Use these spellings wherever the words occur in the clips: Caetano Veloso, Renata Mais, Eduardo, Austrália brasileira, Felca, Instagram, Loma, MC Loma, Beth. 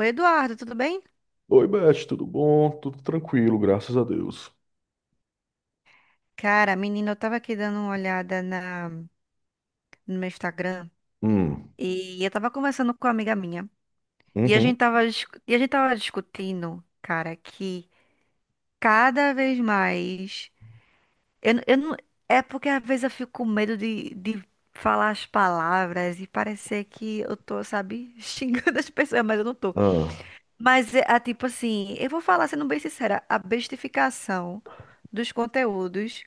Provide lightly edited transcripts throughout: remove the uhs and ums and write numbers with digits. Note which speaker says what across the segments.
Speaker 1: Oi, Eduardo, tudo bem?
Speaker 2: Oi, Beth, tudo bom? Tudo tranquilo, graças a Deus.
Speaker 1: Cara, menina, eu tava aqui dando uma olhada no meu Instagram
Speaker 2: Hum,
Speaker 1: e eu tava conversando com uma amiga minha e a
Speaker 2: uhum,
Speaker 1: gente tava, e a gente tava discutindo, cara, que cada vez mais. Eu não, é porque às vezes eu fico com medo de falar as palavras e parecer que eu tô, sabe, xingando as pessoas, mas eu não tô.
Speaker 2: ah,
Speaker 1: Mas é tipo assim, eu vou falar sendo bem sincera, a bestificação dos conteúdos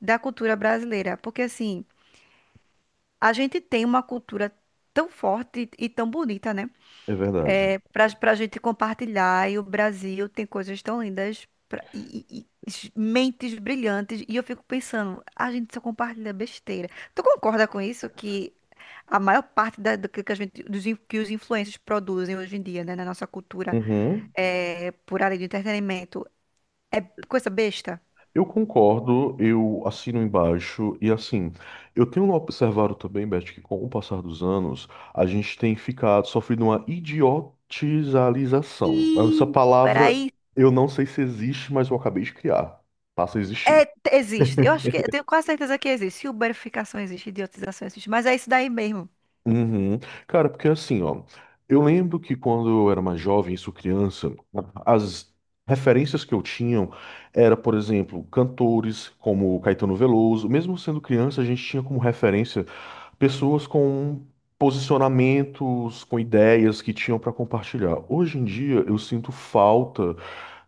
Speaker 1: da cultura brasileira, porque assim. A gente tem uma cultura tão forte e tão bonita, né?
Speaker 2: é verdade.
Speaker 1: É, para a gente compartilhar, e o Brasil tem coisas tão lindas mentes brilhantes. E eu fico pensando, a gente só compartilha besteira. Tu concorda com isso? Que a maior parte do que a gente, que os influencers produzem hoje em dia, né, na nossa cultura,
Speaker 2: Uhum.
Speaker 1: é, por área de entretenimento, é coisa besta?
Speaker 2: Eu concordo, eu assino embaixo e assim, eu tenho observado também, Beth, que com o passar dos anos, a gente tem ficado sofrendo uma idiotização. Essa
Speaker 1: Ih, era
Speaker 2: palavra
Speaker 1: isso.
Speaker 2: eu não sei se existe, mas eu acabei de criar. Passa a
Speaker 1: É,
Speaker 2: existir.
Speaker 1: existe. Eu acho que eu tenho quase certeza que existe. Uberificação existe, idiotização existe, mas é isso daí mesmo.
Speaker 2: Uhum. Cara, porque assim, ó, eu lembro que quando eu era mais jovem, isso criança, as referências que eu tinha era, por exemplo, cantores como Caetano Veloso. Mesmo sendo criança, a gente tinha como referência pessoas com posicionamentos, com ideias que tinham para compartilhar. Hoje em dia, eu sinto falta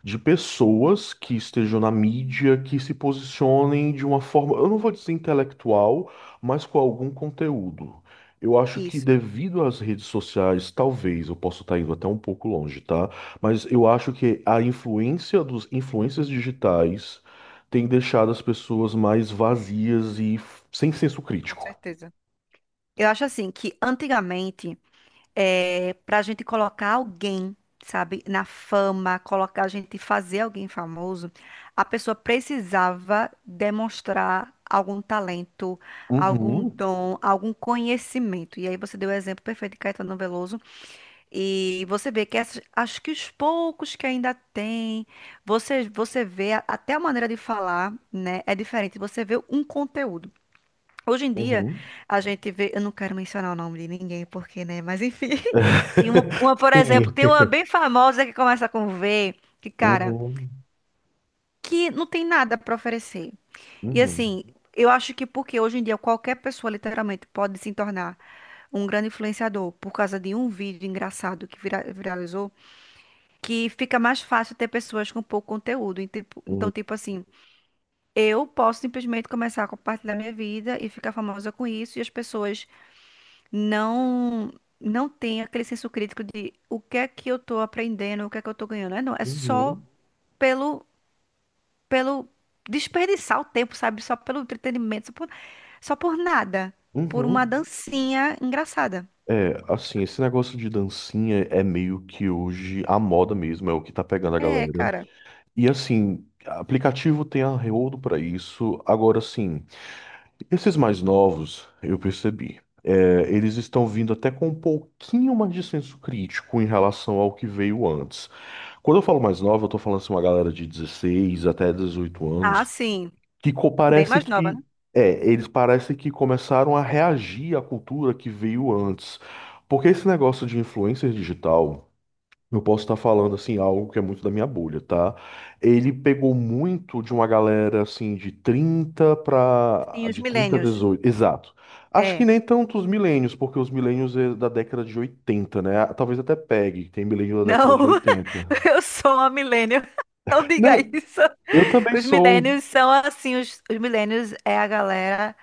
Speaker 2: de pessoas que estejam na mídia, que se posicionem de uma forma, eu não vou dizer intelectual, mas com algum conteúdo. Eu acho que
Speaker 1: Isso,
Speaker 2: devido às redes sociais, talvez, eu posso estar indo até um pouco longe, tá? Mas eu acho que a influência dos influências digitais tem deixado as pessoas mais vazias e sem senso
Speaker 1: com
Speaker 2: crítico.
Speaker 1: certeza. Eu acho assim que antigamente, é, para a gente colocar alguém, sabe, na fama, colocar a gente fazer alguém famoso, a pessoa precisava demonstrar algum talento, algum
Speaker 2: Uhum,
Speaker 1: dom, algum conhecimento. E aí você deu o exemplo perfeito de Caetano Veloso. E você vê que acho que os poucos que ainda tem, você vê até a maneira de falar, né? É diferente. Você vê um conteúdo. Hoje em dia,
Speaker 2: uhum,
Speaker 1: a gente vê. Eu não quero mencionar o nome de ninguém, porque, né? Mas enfim, tem uma, por exemplo,
Speaker 2: Sim.
Speaker 1: tem uma bem famosa que começa com V, que, cara,
Speaker 2: Uhum,
Speaker 1: que não tem nada para oferecer. E
Speaker 2: uhum,
Speaker 1: assim, eu acho que porque hoje em dia qualquer pessoa literalmente pode se tornar um grande influenciador por causa de um vídeo engraçado que viralizou. Que fica mais fácil ter pessoas com pouco conteúdo.
Speaker 2: uhum,
Speaker 1: Então, tipo assim, eu posso simplesmente começar a compartilhar minha vida e ficar famosa com isso, e as pessoas não não têm aquele senso crítico de o que é que eu tô aprendendo, o que é que eu tô ganhando. É, não, é só
Speaker 2: uhum,
Speaker 1: pelo pelo desperdiçar o tempo, sabe? Só pelo entretenimento, só por nada, por uma
Speaker 2: uhum.
Speaker 1: dancinha engraçada.
Speaker 2: É, assim, esse negócio de dancinha é meio que hoje a moda mesmo, é o que tá pegando a galera.
Speaker 1: É, cara.
Speaker 2: E assim, aplicativo tem arreodo pra isso. Agora, assim, esses mais novos, eu percebi, é, eles estão vindo até com um pouquinho mais de senso crítico em relação ao que veio antes. Quando eu falo mais nova, eu tô falando assim, uma galera de 16 até dezoito
Speaker 1: Ah,
Speaker 2: anos.
Speaker 1: sim, bem
Speaker 2: Parece
Speaker 1: mais nova,
Speaker 2: que
Speaker 1: né?
Speaker 2: é, eles parecem que começaram a reagir à cultura que veio antes. Porque esse negócio de influencer digital, eu posso estar falando assim algo que é muito da minha bolha, tá? Ele pegou muito de uma galera assim de 30
Speaker 1: Sim,
Speaker 2: para
Speaker 1: os
Speaker 2: de 30 a
Speaker 1: milênios.
Speaker 2: 18, exato. Acho que
Speaker 1: É.
Speaker 2: nem tanto os milênios, porque os milênios é da década de 80, né? Talvez até pegue, tem milênio da década
Speaker 1: Não,
Speaker 2: de 80.
Speaker 1: eu sou uma millennial. Não diga
Speaker 2: Não,
Speaker 1: isso.
Speaker 2: eu também
Speaker 1: Os
Speaker 2: sou.
Speaker 1: millennials são assim, os millennials é a galera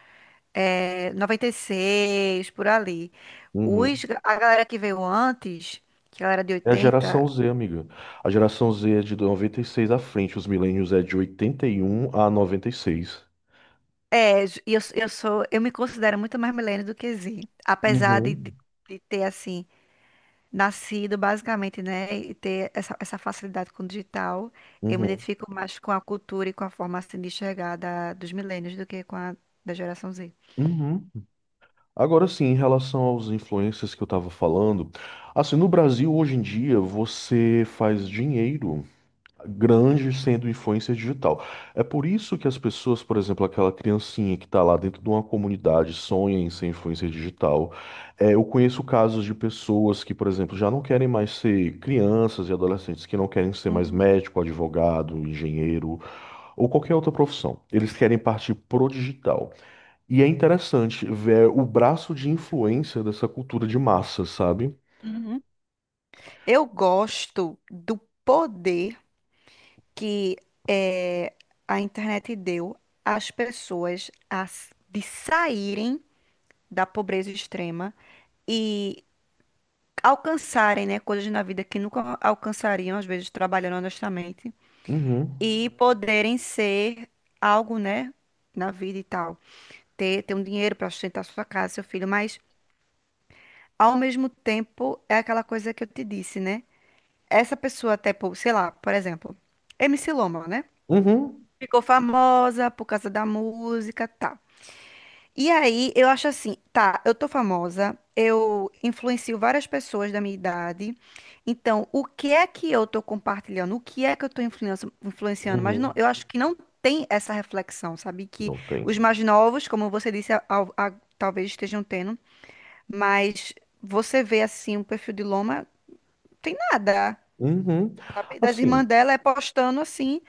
Speaker 1: é, 96, por ali.
Speaker 2: Uhum.
Speaker 1: Os, a galera que veio antes, que a galera de
Speaker 2: É a geração
Speaker 1: 80,
Speaker 2: Z, amiga. A geração Z é de 96 à frente, os milênios é de 81 a 96.
Speaker 1: é, e eu sou, eu me considero muito mais millennial do que Z, apesar de
Speaker 2: Uhum.
Speaker 1: de ter, assim, nascido basicamente, né, e ter essa facilidade com o digital, eu me
Speaker 2: Uhum.
Speaker 1: identifico mais com a cultura e com a forma assim, de enxergar dos milênios do que com a da geração Z.
Speaker 2: Uhum. Agora sim, em relação aos influencers que eu tava falando, assim, no Brasil hoje em dia você faz dinheiro. Grandes sendo influência digital. É por isso que as pessoas, por exemplo, aquela criancinha que está lá dentro de uma comunidade sonha em ser influência digital. É, eu conheço casos de pessoas que, por exemplo, já não querem mais ser crianças e adolescentes, que não querem ser mais
Speaker 1: Uhum,
Speaker 2: médico, advogado, engenheiro ou qualquer outra profissão. Eles querem partir pro digital. E é interessante ver o braço de influência dessa cultura de massa, sabe?
Speaker 1: uhum. Eu gosto do poder que eh, a internet deu às pessoas de saírem da pobreza extrema e alcançarem, né, coisas na vida que nunca alcançariam, às vezes trabalhando honestamente.
Speaker 2: Uhum.
Speaker 1: E poderem ser algo, né, na vida e tal. Ter um dinheiro para sustentar sua casa, seu filho, mas ao mesmo tempo é aquela coisa que eu te disse, né? Essa pessoa, sei lá, por exemplo, MC Loma, né?
Speaker 2: Uhum.
Speaker 1: Ficou famosa por causa da música, tal. E aí, eu acho assim, tá, eu tô famosa, eu influencio várias pessoas da minha idade. Então, o que é que eu tô compartilhando? O que é que eu tô influenciando? Mas não,
Speaker 2: Uhum.
Speaker 1: eu acho que não tem essa reflexão, sabe? Que
Speaker 2: Não tem.
Speaker 1: os mais novos, como você disse, talvez estejam tendo, mas você vê assim, o perfil de Loma, tem nada.
Speaker 2: Uhum.
Speaker 1: Sabe? Das
Speaker 2: Assim,
Speaker 1: irmãs dela é postando assim,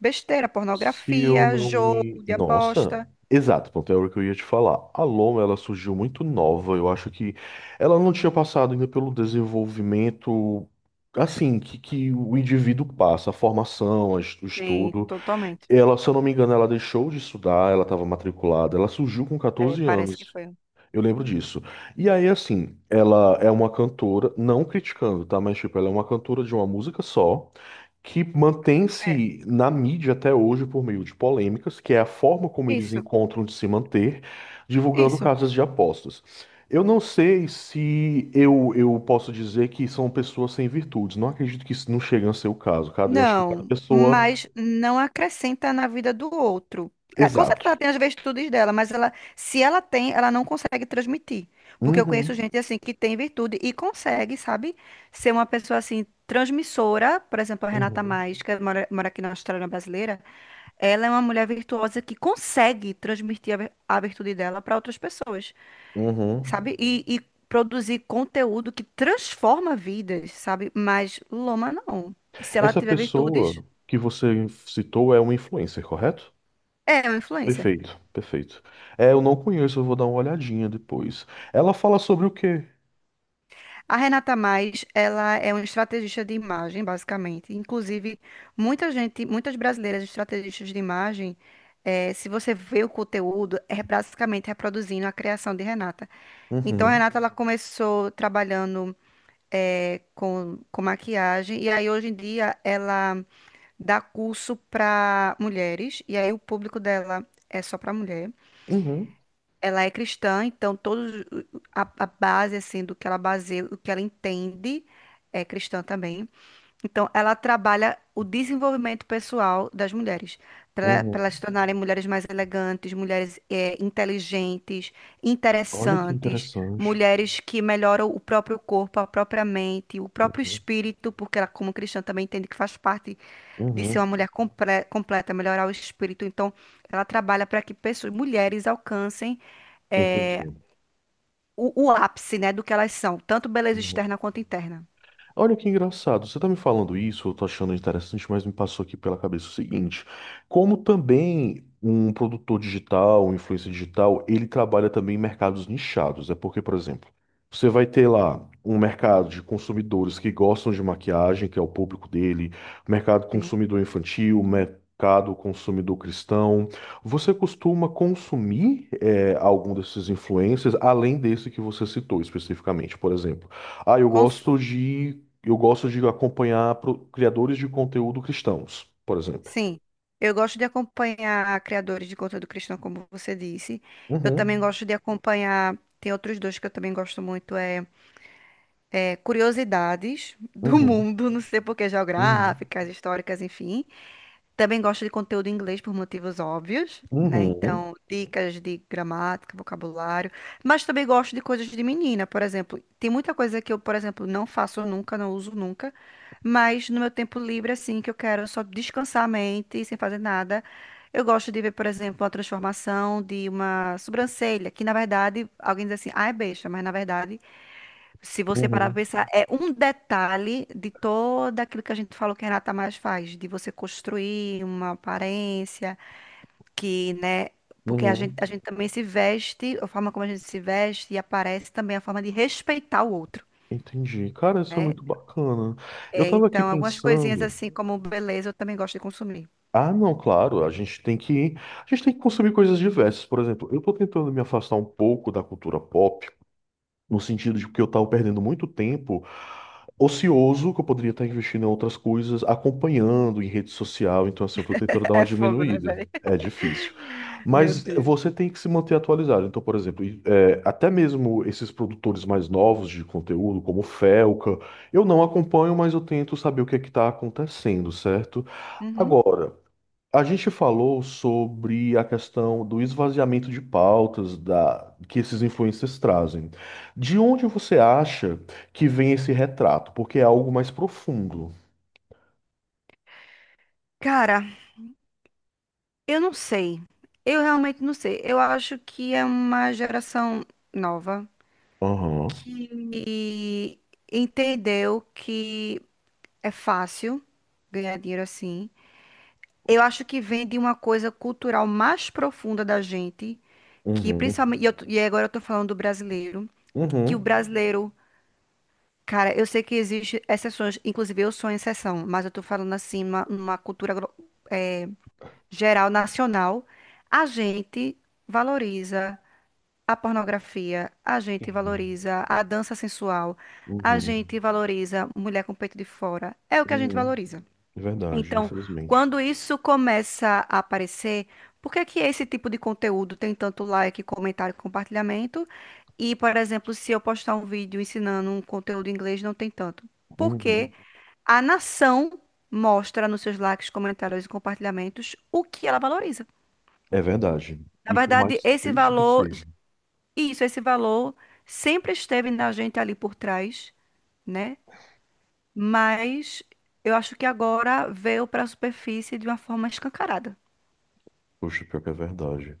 Speaker 1: besteira,
Speaker 2: se eu
Speaker 1: pornografia,
Speaker 2: não
Speaker 1: jogo
Speaker 2: me.
Speaker 1: de
Speaker 2: Nossa!
Speaker 1: aposta.
Speaker 2: Exato, pronto, é o que eu ia te falar. A Loma, ela surgiu muito nova. Eu acho que ela não tinha passado ainda pelo desenvolvimento, assim, que o indivíduo passa, a formação, o
Speaker 1: Sim,
Speaker 2: estudo.
Speaker 1: totalmente.
Speaker 2: Ela, se eu não me engano, ela deixou de estudar, ela estava matriculada, ela surgiu com
Speaker 1: É,
Speaker 2: 14
Speaker 1: parece que
Speaker 2: anos.
Speaker 1: foi.
Speaker 2: Eu lembro disso. E aí, assim, ela é uma cantora, não criticando, tá? Mas, tipo, ela é uma cantora de uma música só que
Speaker 1: É.
Speaker 2: mantém-se na mídia até hoje por meio de polêmicas, que é a forma como eles
Speaker 1: Isso,
Speaker 2: encontram de se manter, divulgando
Speaker 1: isso.
Speaker 2: casas de apostas. Eu não sei se eu posso dizer que são pessoas sem virtudes. Não acredito que isso não chegue a ser o caso, cara. Eu acho que cada
Speaker 1: Não,
Speaker 2: pessoa.
Speaker 1: mas não acrescenta na vida do outro. É, com
Speaker 2: Exato.
Speaker 1: certeza ela tem as virtudes dela, mas ela, se ela tem, ela não consegue transmitir. Porque eu conheço
Speaker 2: Uhum,
Speaker 1: gente assim que tem virtude e consegue, sabe? Ser uma pessoa assim transmissora, por exemplo, a Renata
Speaker 2: uhum,
Speaker 1: Mais, que mora aqui na Austrália brasileira, ela é uma mulher virtuosa que consegue transmitir a virtude dela para outras pessoas.
Speaker 2: uhum.
Speaker 1: Sabe? E produzir conteúdo que transforma vidas, sabe? Mas Loma não. Se ela
Speaker 2: Essa
Speaker 1: tiver virtudes,
Speaker 2: pessoa que você citou é uma influencer, correto?
Speaker 1: é uma influencer.
Speaker 2: Perfeito, perfeito. É, eu não conheço, eu vou dar uma olhadinha depois. Ela fala sobre o quê?
Speaker 1: A Renata Mais, ela é uma estrategista de imagem, basicamente. Inclusive, muita gente, muitas brasileiras estrategistas de imagem, se você vê o conteúdo, é basicamente reproduzindo a criação de Renata. Então, a
Speaker 2: Uhum.
Speaker 1: Renata, ela começou trabalhando com maquiagem, e aí hoje em dia ela dá curso para mulheres, e aí o público dela é só para mulher.
Speaker 2: Uhum,
Speaker 1: Ela é cristã, então todos a base assim do que ela baseia, o que ela entende é cristã também. Então, ela trabalha o desenvolvimento pessoal das mulheres, para
Speaker 2: uhum.
Speaker 1: elas se tornarem mulheres mais elegantes, mulheres inteligentes,
Speaker 2: Olha que
Speaker 1: interessantes,
Speaker 2: interessante.
Speaker 1: mulheres que melhoram o próprio corpo, a própria mente, o próprio
Speaker 2: Uhum,
Speaker 1: espírito, porque ela, como cristã, também entende que faz parte de ser uma
Speaker 2: uhum.
Speaker 1: mulher completa, melhorar o espírito. Então, ela trabalha para que pessoas, mulheres alcancem
Speaker 2: Entendi.
Speaker 1: o ápice, né, do que elas são, tanto beleza
Speaker 2: Uhum.
Speaker 1: externa quanto interna.
Speaker 2: Olha que engraçado, você tá me falando isso, eu tô achando interessante, mas me passou aqui pela cabeça o seguinte: como também um produtor digital, um influencer digital, ele trabalha também em mercados nichados. É porque, por exemplo, você vai ter lá um mercado de consumidores que gostam de maquiagem, que é o público dele, mercado
Speaker 1: Sim.
Speaker 2: consumidor infantil, mercado consumidor cristão. Você costuma consumir eh, algum desses influencers, além desse que você citou especificamente, por exemplo? Ah, eu gosto de eu gosto de acompanhar criadores de conteúdo cristãos, por exemplo.
Speaker 1: Sim, eu gosto de acompanhar criadores de conteúdo cristão, como você disse. Eu também
Speaker 2: Uhum,
Speaker 1: gosto de acompanhar. Tem outros dois que eu também gosto muito, curiosidades do
Speaker 2: uhum,
Speaker 1: mundo, não sei por que,
Speaker 2: uhum,
Speaker 1: geográficas, históricas, enfim. Também gosto de conteúdo em inglês por motivos óbvios, né?
Speaker 2: uhum,
Speaker 1: Então, dicas de gramática, vocabulário. Mas também gosto de coisas de menina, por exemplo. Tem muita coisa que eu, por exemplo, não faço nunca, não uso nunca. Mas no meu tempo livre, assim, que eu quero só descansar a mente sem fazer nada, eu gosto de ver, por exemplo, a transformação de uma sobrancelha, que na verdade alguém diz assim, ah, é besta, mas na verdade. Se você parar pra
Speaker 2: uhum,
Speaker 1: pensar, é um detalhe de todo aquilo que a gente falou que a Renata mais faz, de você construir uma aparência que, né? Porque
Speaker 2: uhum.
Speaker 1: a gente também se veste, a forma como a gente se veste e aparece também é a forma de respeitar o outro,
Speaker 2: Entendi. Cara, isso é
Speaker 1: né?
Speaker 2: muito bacana. Eu
Speaker 1: É,
Speaker 2: tava aqui
Speaker 1: então, algumas coisinhas
Speaker 2: pensando.
Speaker 1: assim como beleza eu também gosto de consumir.
Speaker 2: Ah, não, claro, a gente tem que consumir coisas diversas. Por exemplo, eu tô tentando me afastar um pouco da cultura pop, no sentido de que eu estava perdendo muito tempo ocioso, que eu poderia estar investindo em outras coisas, acompanhando em rede social. Então, assim, eu estou tentando dar uma
Speaker 1: É fogo, né,
Speaker 2: diminuída.
Speaker 1: velho?
Speaker 2: É difícil.
Speaker 1: Meu
Speaker 2: Mas
Speaker 1: Deus.
Speaker 2: você tem que se manter atualizado. Então, por exemplo, até mesmo esses produtores mais novos de conteúdo, como o Felca, eu não acompanho, mas eu tento saber o que é que está acontecendo, certo?
Speaker 1: Uhum.
Speaker 2: Agora. A gente falou sobre a questão do esvaziamento de pautas da, que esses influencers trazem. De onde você acha que vem esse retrato? Porque é algo mais profundo.
Speaker 1: Cara, eu não sei. Eu realmente não sei. Eu acho que é uma geração nova.
Speaker 2: Aham.
Speaker 1: Que entendeu que é fácil ganhar dinheiro assim. Eu acho que vem de uma coisa cultural mais profunda da gente, que
Speaker 2: Uhum.
Speaker 1: principalmente, e agora eu tô falando do brasileiro, que o
Speaker 2: Uhum.
Speaker 1: brasileiro, cara, eu sei que existe exceções, inclusive eu sou exceção, mas eu tô falando assim, numa cultura eh, geral, nacional, a gente valoriza. A pornografia, a gente
Speaker 2: Sim.
Speaker 1: valoriza a dança sensual, a
Speaker 2: Uhum.
Speaker 1: gente valoriza mulher com peito de fora. É o que a gente
Speaker 2: Uhum.
Speaker 1: valoriza.
Speaker 2: É verdade,
Speaker 1: Então,
Speaker 2: infelizmente.
Speaker 1: quando isso começa a aparecer, por que que esse tipo de conteúdo tem tanto like, comentário, compartilhamento? E, por exemplo, se eu postar um vídeo ensinando um conteúdo em inglês, não tem tanto. Porque
Speaker 2: Uhum.
Speaker 1: a nação mostra nos seus likes, comentários e compartilhamentos o que ela valoriza.
Speaker 2: É verdade.
Speaker 1: Na
Speaker 2: E por
Speaker 1: verdade,
Speaker 2: mais
Speaker 1: esse
Speaker 2: triste que
Speaker 1: valor
Speaker 2: seja.
Speaker 1: isso, esse valor sempre esteve na gente ali por trás, né? Mas eu acho que agora veio para a superfície de uma forma escancarada.
Speaker 2: Poxa, pior que é verdade.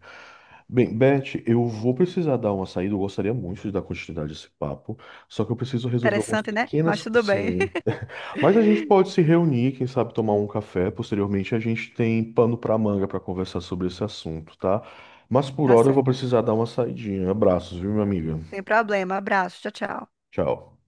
Speaker 2: Bem, Beth, eu vou precisar dar uma saída. Eu gostaria muito de dar continuidade a esse papo, só que eu preciso resolver algumas
Speaker 1: Interessante, né?
Speaker 2: pequenas
Speaker 1: Mas tudo bem.
Speaker 2: coisinhas. Mas a gente pode se reunir, quem sabe tomar um café. Posteriormente, a gente tem pano para manga para conversar sobre esse assunto, tá? Mas por
Speaker 1: Tá
Speaker 2: hora eu vou
Speaker 1: certo.
Speaker 2: precisar dar uma saidinha. Abraços, viu, minha amiga?
Speaker 1: Sem problema. Abraço. Tchau, tchau.
Speaker 2: Tchau.